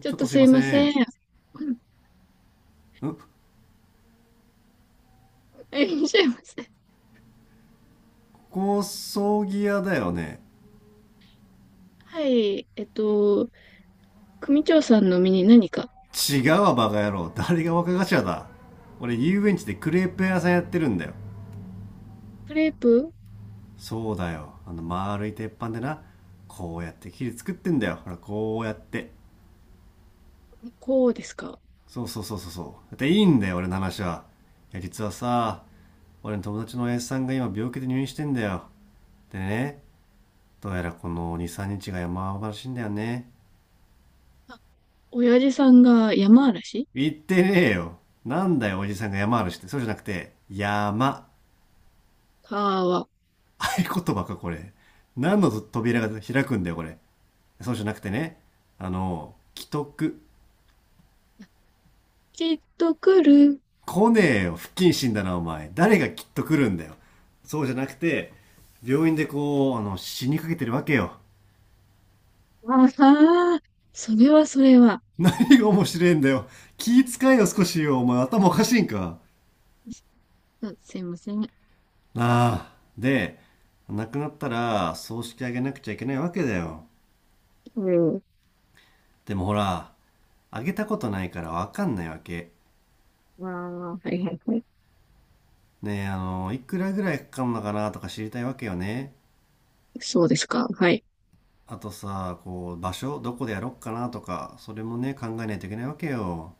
ちょっちょっととすいすいまませせん。ん。んいらっしゃいませ。高葬儀屋だよね？はい。組長さんの身に何か？違うわ、バカ野郎。誰が若頭だ。俺、遊園地でクレープ屋さんやってるんだよ。クレープ？そうだよ。丸い鉄板でな、こうやって切り作ってんだよ。ほら、こうやって。こうですか？そうそうそうそうそう。だっていいんだよ、俺の話は。いや、実はさ、俺の友達の S さんが今病気で入院してんだよ。でね、どうやらこの2、3日が山場らしいんだよね。あ、親父さんが山嵐？言ってねえよ。なんだよ、おじさんが山嵐って。そうじゃなくて、山。川。合言葉か、これ。何の扉が開くんだよ、これ。そうじゃなくてね。既得。きっと来る。来ねえよ、不謹慎だな、お前。誰がきっと来るんだよ。そうじゃなくて、病院でこう、死にかけてるわけよ。ああ、それはそれは。何が面白いんだよ。気遣いよ、少しよ。お前、頭おかしいんか。あ、すいません。なあ。で、亡くなったら、葬式あげなくちゃいけないわけだよ。うん。でもほら、あげたことないからわかんないわけ。ああ、はいはいはい。ねえ、いくらぐらいかかるのかなとか知りたいわけよね。そうですか。はい。あとさ、こう、場所、どこでやろっかなとか、それもね、考えないといけないわけよ。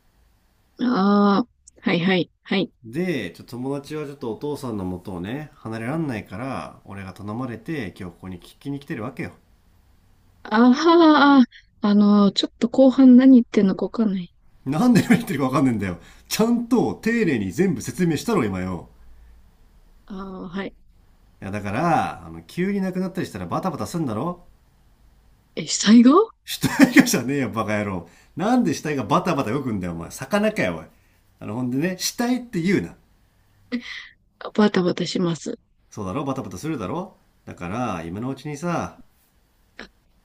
ああ、はいはいはい。で、ちょっと友達はちょっとお父さんの元をね、離れらんないから、俺が頼まれて、今日ここに聞きに来てるわけよ。ああ、あの、ちょっと後半何言ってんのかわかんない。なんで何言ってるかわかんねえんだよ。ちゃんと丁寧に全部説明したろ、今よ。ああ、はい。いや、だから、急になくなったりしたらバタバタすんだろ。え、災害？死体がじゃねえよ、バカ野郎。なんで死体がバタバタ動くんだよ、お前。魚かよ、おい。ほんでね、死体って言うな。バタバタします。そうだろ、バタバタするだろ。だから、今のうちにさ。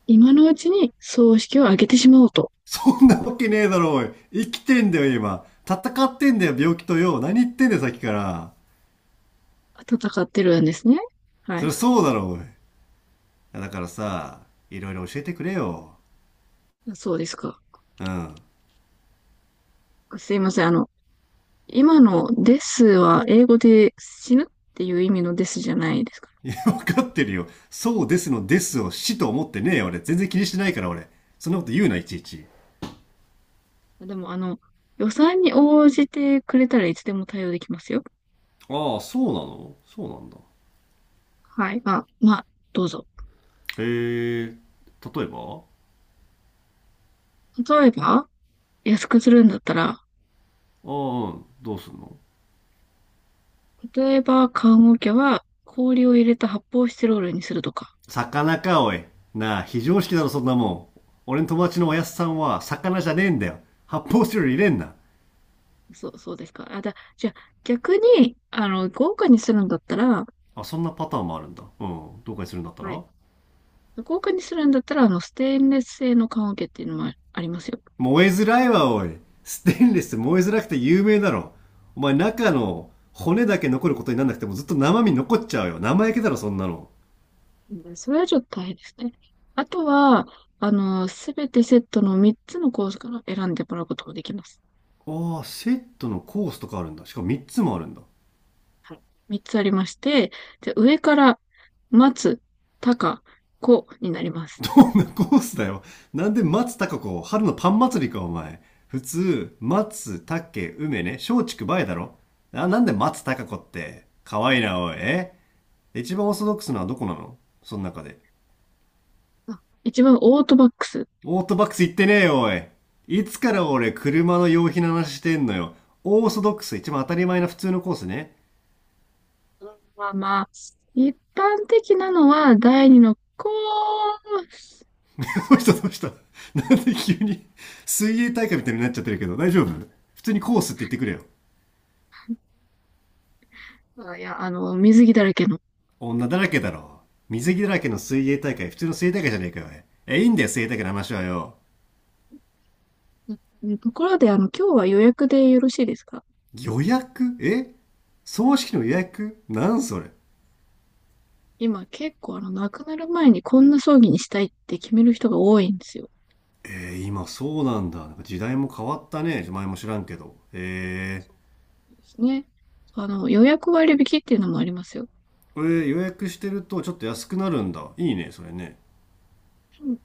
今のうちに葬式を挙げてしまおうと。そんなわけねえだろ、おい。生きてんだよ、今。戦ってんだよ、病気とよ。何言ってんだよ、さっきから。戦ってるんですね。はそりい。ゃそうだろ、おい。だからさ、いろいろ教えてくれよ。そうですか。うん。すいません。あの、今のですは英語で死ぬっていう意味のですじゃないですか？わかってるよ。そうですのですを死と思ってねえよ、俺。全然気にしてないから、俺。そんなこと言うな、いちいち。でも、あの、予算に応じてくれたらいつでも対応できますよ。ああ、そうなの、そうなんだ。はい。まあ、まあ、どうぞ。へえ、例えば例えば、安くするんだったら、うん、どうすんの？例えば、棺桶は氷を入れた発泡スチロールにするとか。魚か、おい。なあ、非常識だろ、そんなもん。俺の友達のおやすさんは、魚じゃねえんだよ。発泡スチロール入れんな。そうですか。あ、じゃあ、逆に、あの、豪華にするんだったら、あ、そんなパターンもあるんだ。うん、どうかにするんだったはい。ら？豪華にするんだったら、あの、ステンレス製の棺桶っていうのもありますよ。燃えづらいわ、おい。ステンレス燃えづらくて有名だろ。お前、中の骨だけ残ることになんなくてもずっと生身残っちゃうよ。生焼けだろ、そんなの。うん、それはちょっと大変ですね。あとは、あの、すべてセットの3つのコースから選んでもらうことができます。ああ、セットのコースとかあるんだ。しかも3つもあるんだ。はい。3つありまして、で、上から、松、高、子になります。どんなコースだよ。なんで松たか子春のパン祭りか、お前。普通、松、竹、梅ね、松竹梅だろ。あ、なんで松たか子って。可愛いいな、おい。一番オーソドックスなのはどこなの？その中で。あ、一番オートバックス。オートバックス行ってねえよ、おい。いつから俺、車の用品の話してんのよ。オーソドックス、一番当たり前な普通のコースね。まあまあ、一般的なのは第2の子。どうしたどうした。 なんで急に、水泳大会みたいになっちゃってるけど、大丈夫？普通にコースって言ってくれよ。あ、いや、あの、水着だらけの。女だらけだろ。水着だらけの水泳大会、普通の水泳大会じゃねえかよ。え、いいんだよ、水泳大会の話はよ。うん、ところで、あの、今日は予約でよろしいですか？予約？え、葬式の予約なんそれ？今結構、あの、亡くなる前にこんな葬儀にしたいって決める人が多いんですよ。今そうなんだ。なんか時代も変わったね。前も知らんけど。そうですね。あの、予約割引っていうのもありますよ。ー、え予約してるとちょっと安くなるんだ。いいね、それね。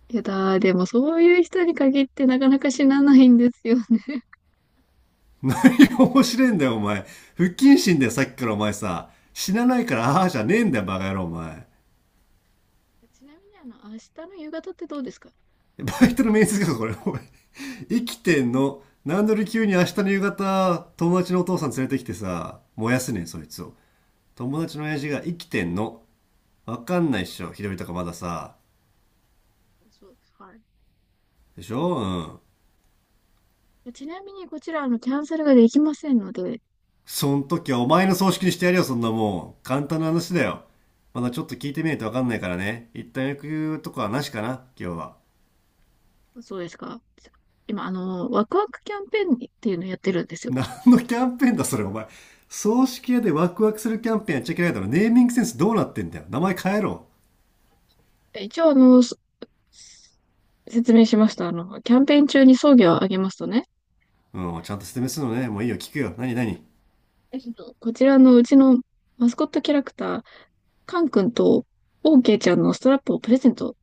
いやだー、でもそういう人に限ってなかなか死なないんですよね。いや、面白いんだよ、お前。不謹慎だよ、さっきからお前さ。死なないから、ああじゃねえんだよ、バカ野郎、お前。ちなみに、あの、明日の夕方ってどうですか？バイトの面接か、これ、おい。生きてんの？なんで俺急に明日の夕方、友達のお父さん連れてきてさ、燃やすねん、そいつを。友達の親父が生きてんの。わかんないっしょ、ひどいとかまださ。そう、はでしょう。ん。い。ちなみに、こちら、あの、キャンセルができませんので。そん時はお前の葬式にしてやるよ、そんなもん。簡単な話だよ。まだちょっと聞いてみないとわかんないからね。一旦役くとかはなしかな、今日は。そうですか。今、あの、ワクワクキャンペーンっていうのをやってるんですよ。何のキャンペーンだ、それ、お前。葬式屋でワクワクするキャンペーンやっちゃいけないだろ。ネーミングセンスどうなってんだよ。名前変えろ。一応、あの、説明しました。あの、キャンペーン中に送料を上げますとね、うん、ちゃんと説明するのね。もういいよ、聞くよ。何何？こちらのうちのマスコットキャラクター、カン君とオーケーちゃんのストラップをプレゼント。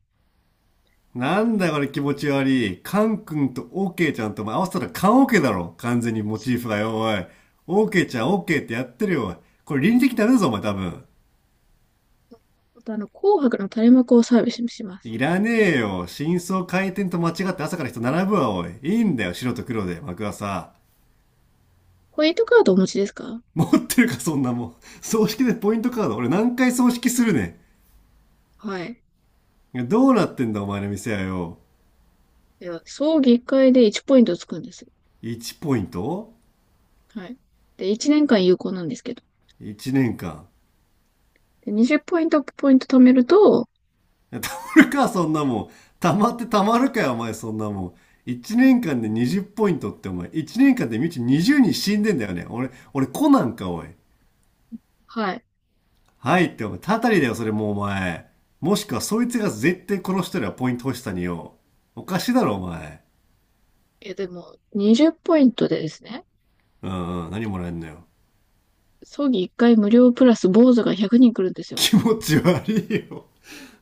なんだこれ、気持ち悪い。カン君とオーケーちゃんとお前合わせたらカンオーケーだろ。完全にモチーフがよ、おい。オーケーちゃんオーケーってやってるよ、おい。これ倫理的ダメだぞ、お前多分。また、あの、紅白の垂れ幕をサービスします。いらねえよ。真相回転と間違って朝から人並ぶわ、おい。いいんだよ、白と黒で、幕はさ。ポイントカードお持ちですか？持ってるか、そんなもん。葬式でポイントカード。俺何回葬式するねはい。ん。どうなってんだ、お前の店はよ。では、葬儀1回で1ポイントつくんです。1ポイント？ はい。で、1年間有効なんですけど。1 年間？で、20ポイント貯めると、たまるか、そんなもん。たまってたまるかよ、お前、そんなもん。1年間で20ポイントって、お前。1年間でみち20人死んでんだよね。俺、コナンか、おい。はい。はいって、お前、たたりだよ、それもう、お前。もしくは、そいつが絶対殺してるわ、ポイント欲しさによ。おかしいだろ、お前。え、でも、20ポイントでですね、うんうん、何もらえんのよ。葬儀1回無料プラス坊主が100人来るんですよ。気持ち悪いよ。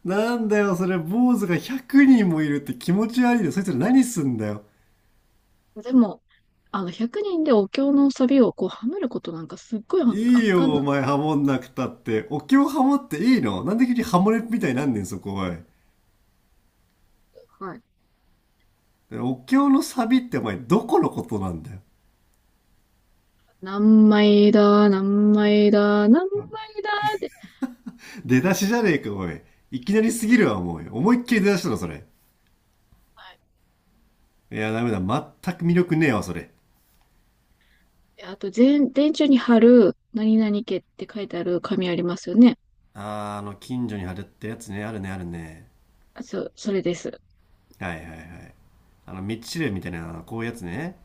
なんだよ、それ、坊主が100人もいるって気持ち悪いよ。そいつら何すんだよ。でも、あの、100人でお経のサビをこう、はめることなんかすっごい圧い圧い巻よ、なおんで前、ハモんなくたって。お経ハモっていいの？なんで急にハモれみたいになんねん、そこ、おい。すよ。はい。お経のサビってお前、どこのことなんだよ。何枚だ、何枚だ、何枚だって。出だしじゃねえか、おい。いきなりすぎるわ、もう。思いっきり出だしたの、それ。はい。いや、ダメだ。全く魅力ねえわ、それ。で、あと、電柱に貼る、何々家って書いてある紙ありますよね。あー、近所に貼るってやつね。あるね、あるね。あ、そう、それです。はいはいはい。道知れみたいな、こういうやつね。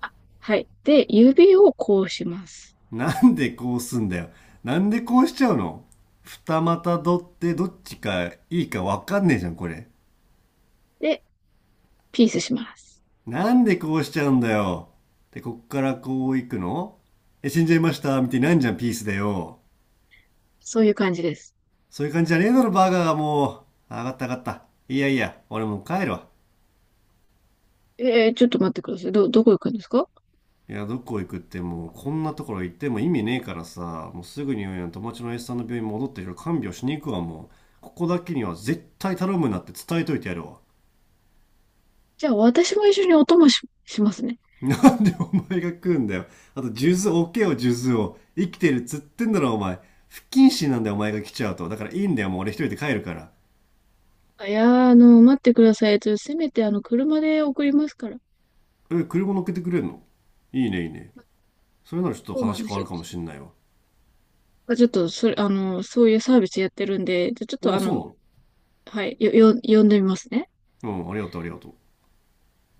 あ、はい。で、指をこうします。なんでこうすんだよ。なんでこうしちゃうの？二股取ってどっちかいいかわかんねえじゃん、これ。で、ピースします。なんでこうしちゃうんだよ。で、こっからこう行くの？え、死んじゃいましたみたいになんじゃん、ピースだよ。そういう感じです。そういう感じじゃねえだろ、バーガーがもう。上がった上がった。いやいや、俺もう帰るわ。ちょっと待ってください。どこ行くんですか？いや、どこ行くってもう、こんなところ行っても意味ねえからさ、もうすぐに友達の S さんの病院戻って、いろいろ看病しに行くわ、もう。ここだけには絶対頼むなって伝えといてやるわ。じゃあ、私も一緒にお供しますね。なんでお前が食うんだよ。あと、数珠置けよ、数珠を。生きてるっつってんだろ、お前。不謹慎なんだよ、お前が来ちゃうと。だからいいんだよ、もう俺一人で帰るから。あいやー、あの、待ってください。ちょっとせめて、あの、車で送りますから。え、車乗っけてくれんの？いいね、いいね。それならちょっとそうなん話で変すわよ。るかもちしんないわ。ょっと、それ、あの、そういうサービスやってるんで、じゃちょっとああ、あの、そうはい、呼んでみますね。なの。うん、ありがとう、ありがとう。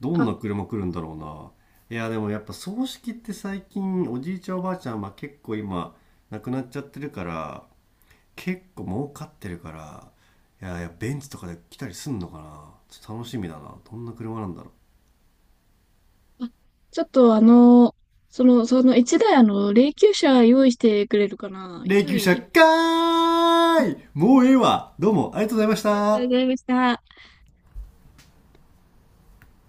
どあ、んな車来るんだろうな。いや、でもやっぱ葬式って最近、おじいちゃんおばあちゃん、まあ結構今、亡くなっちゃってるから、結構儲かってるから、いやいや、ベンツとかで来たりすんのかな。ちょっと楽しみだな。どんな車なんだろう。あ、ちょっとあの、その一台あの、霊柩車用意してくれるかな。霊一柩車人。かーい、もうええわ、どうもありがとうございましありがとうごた。ざいました。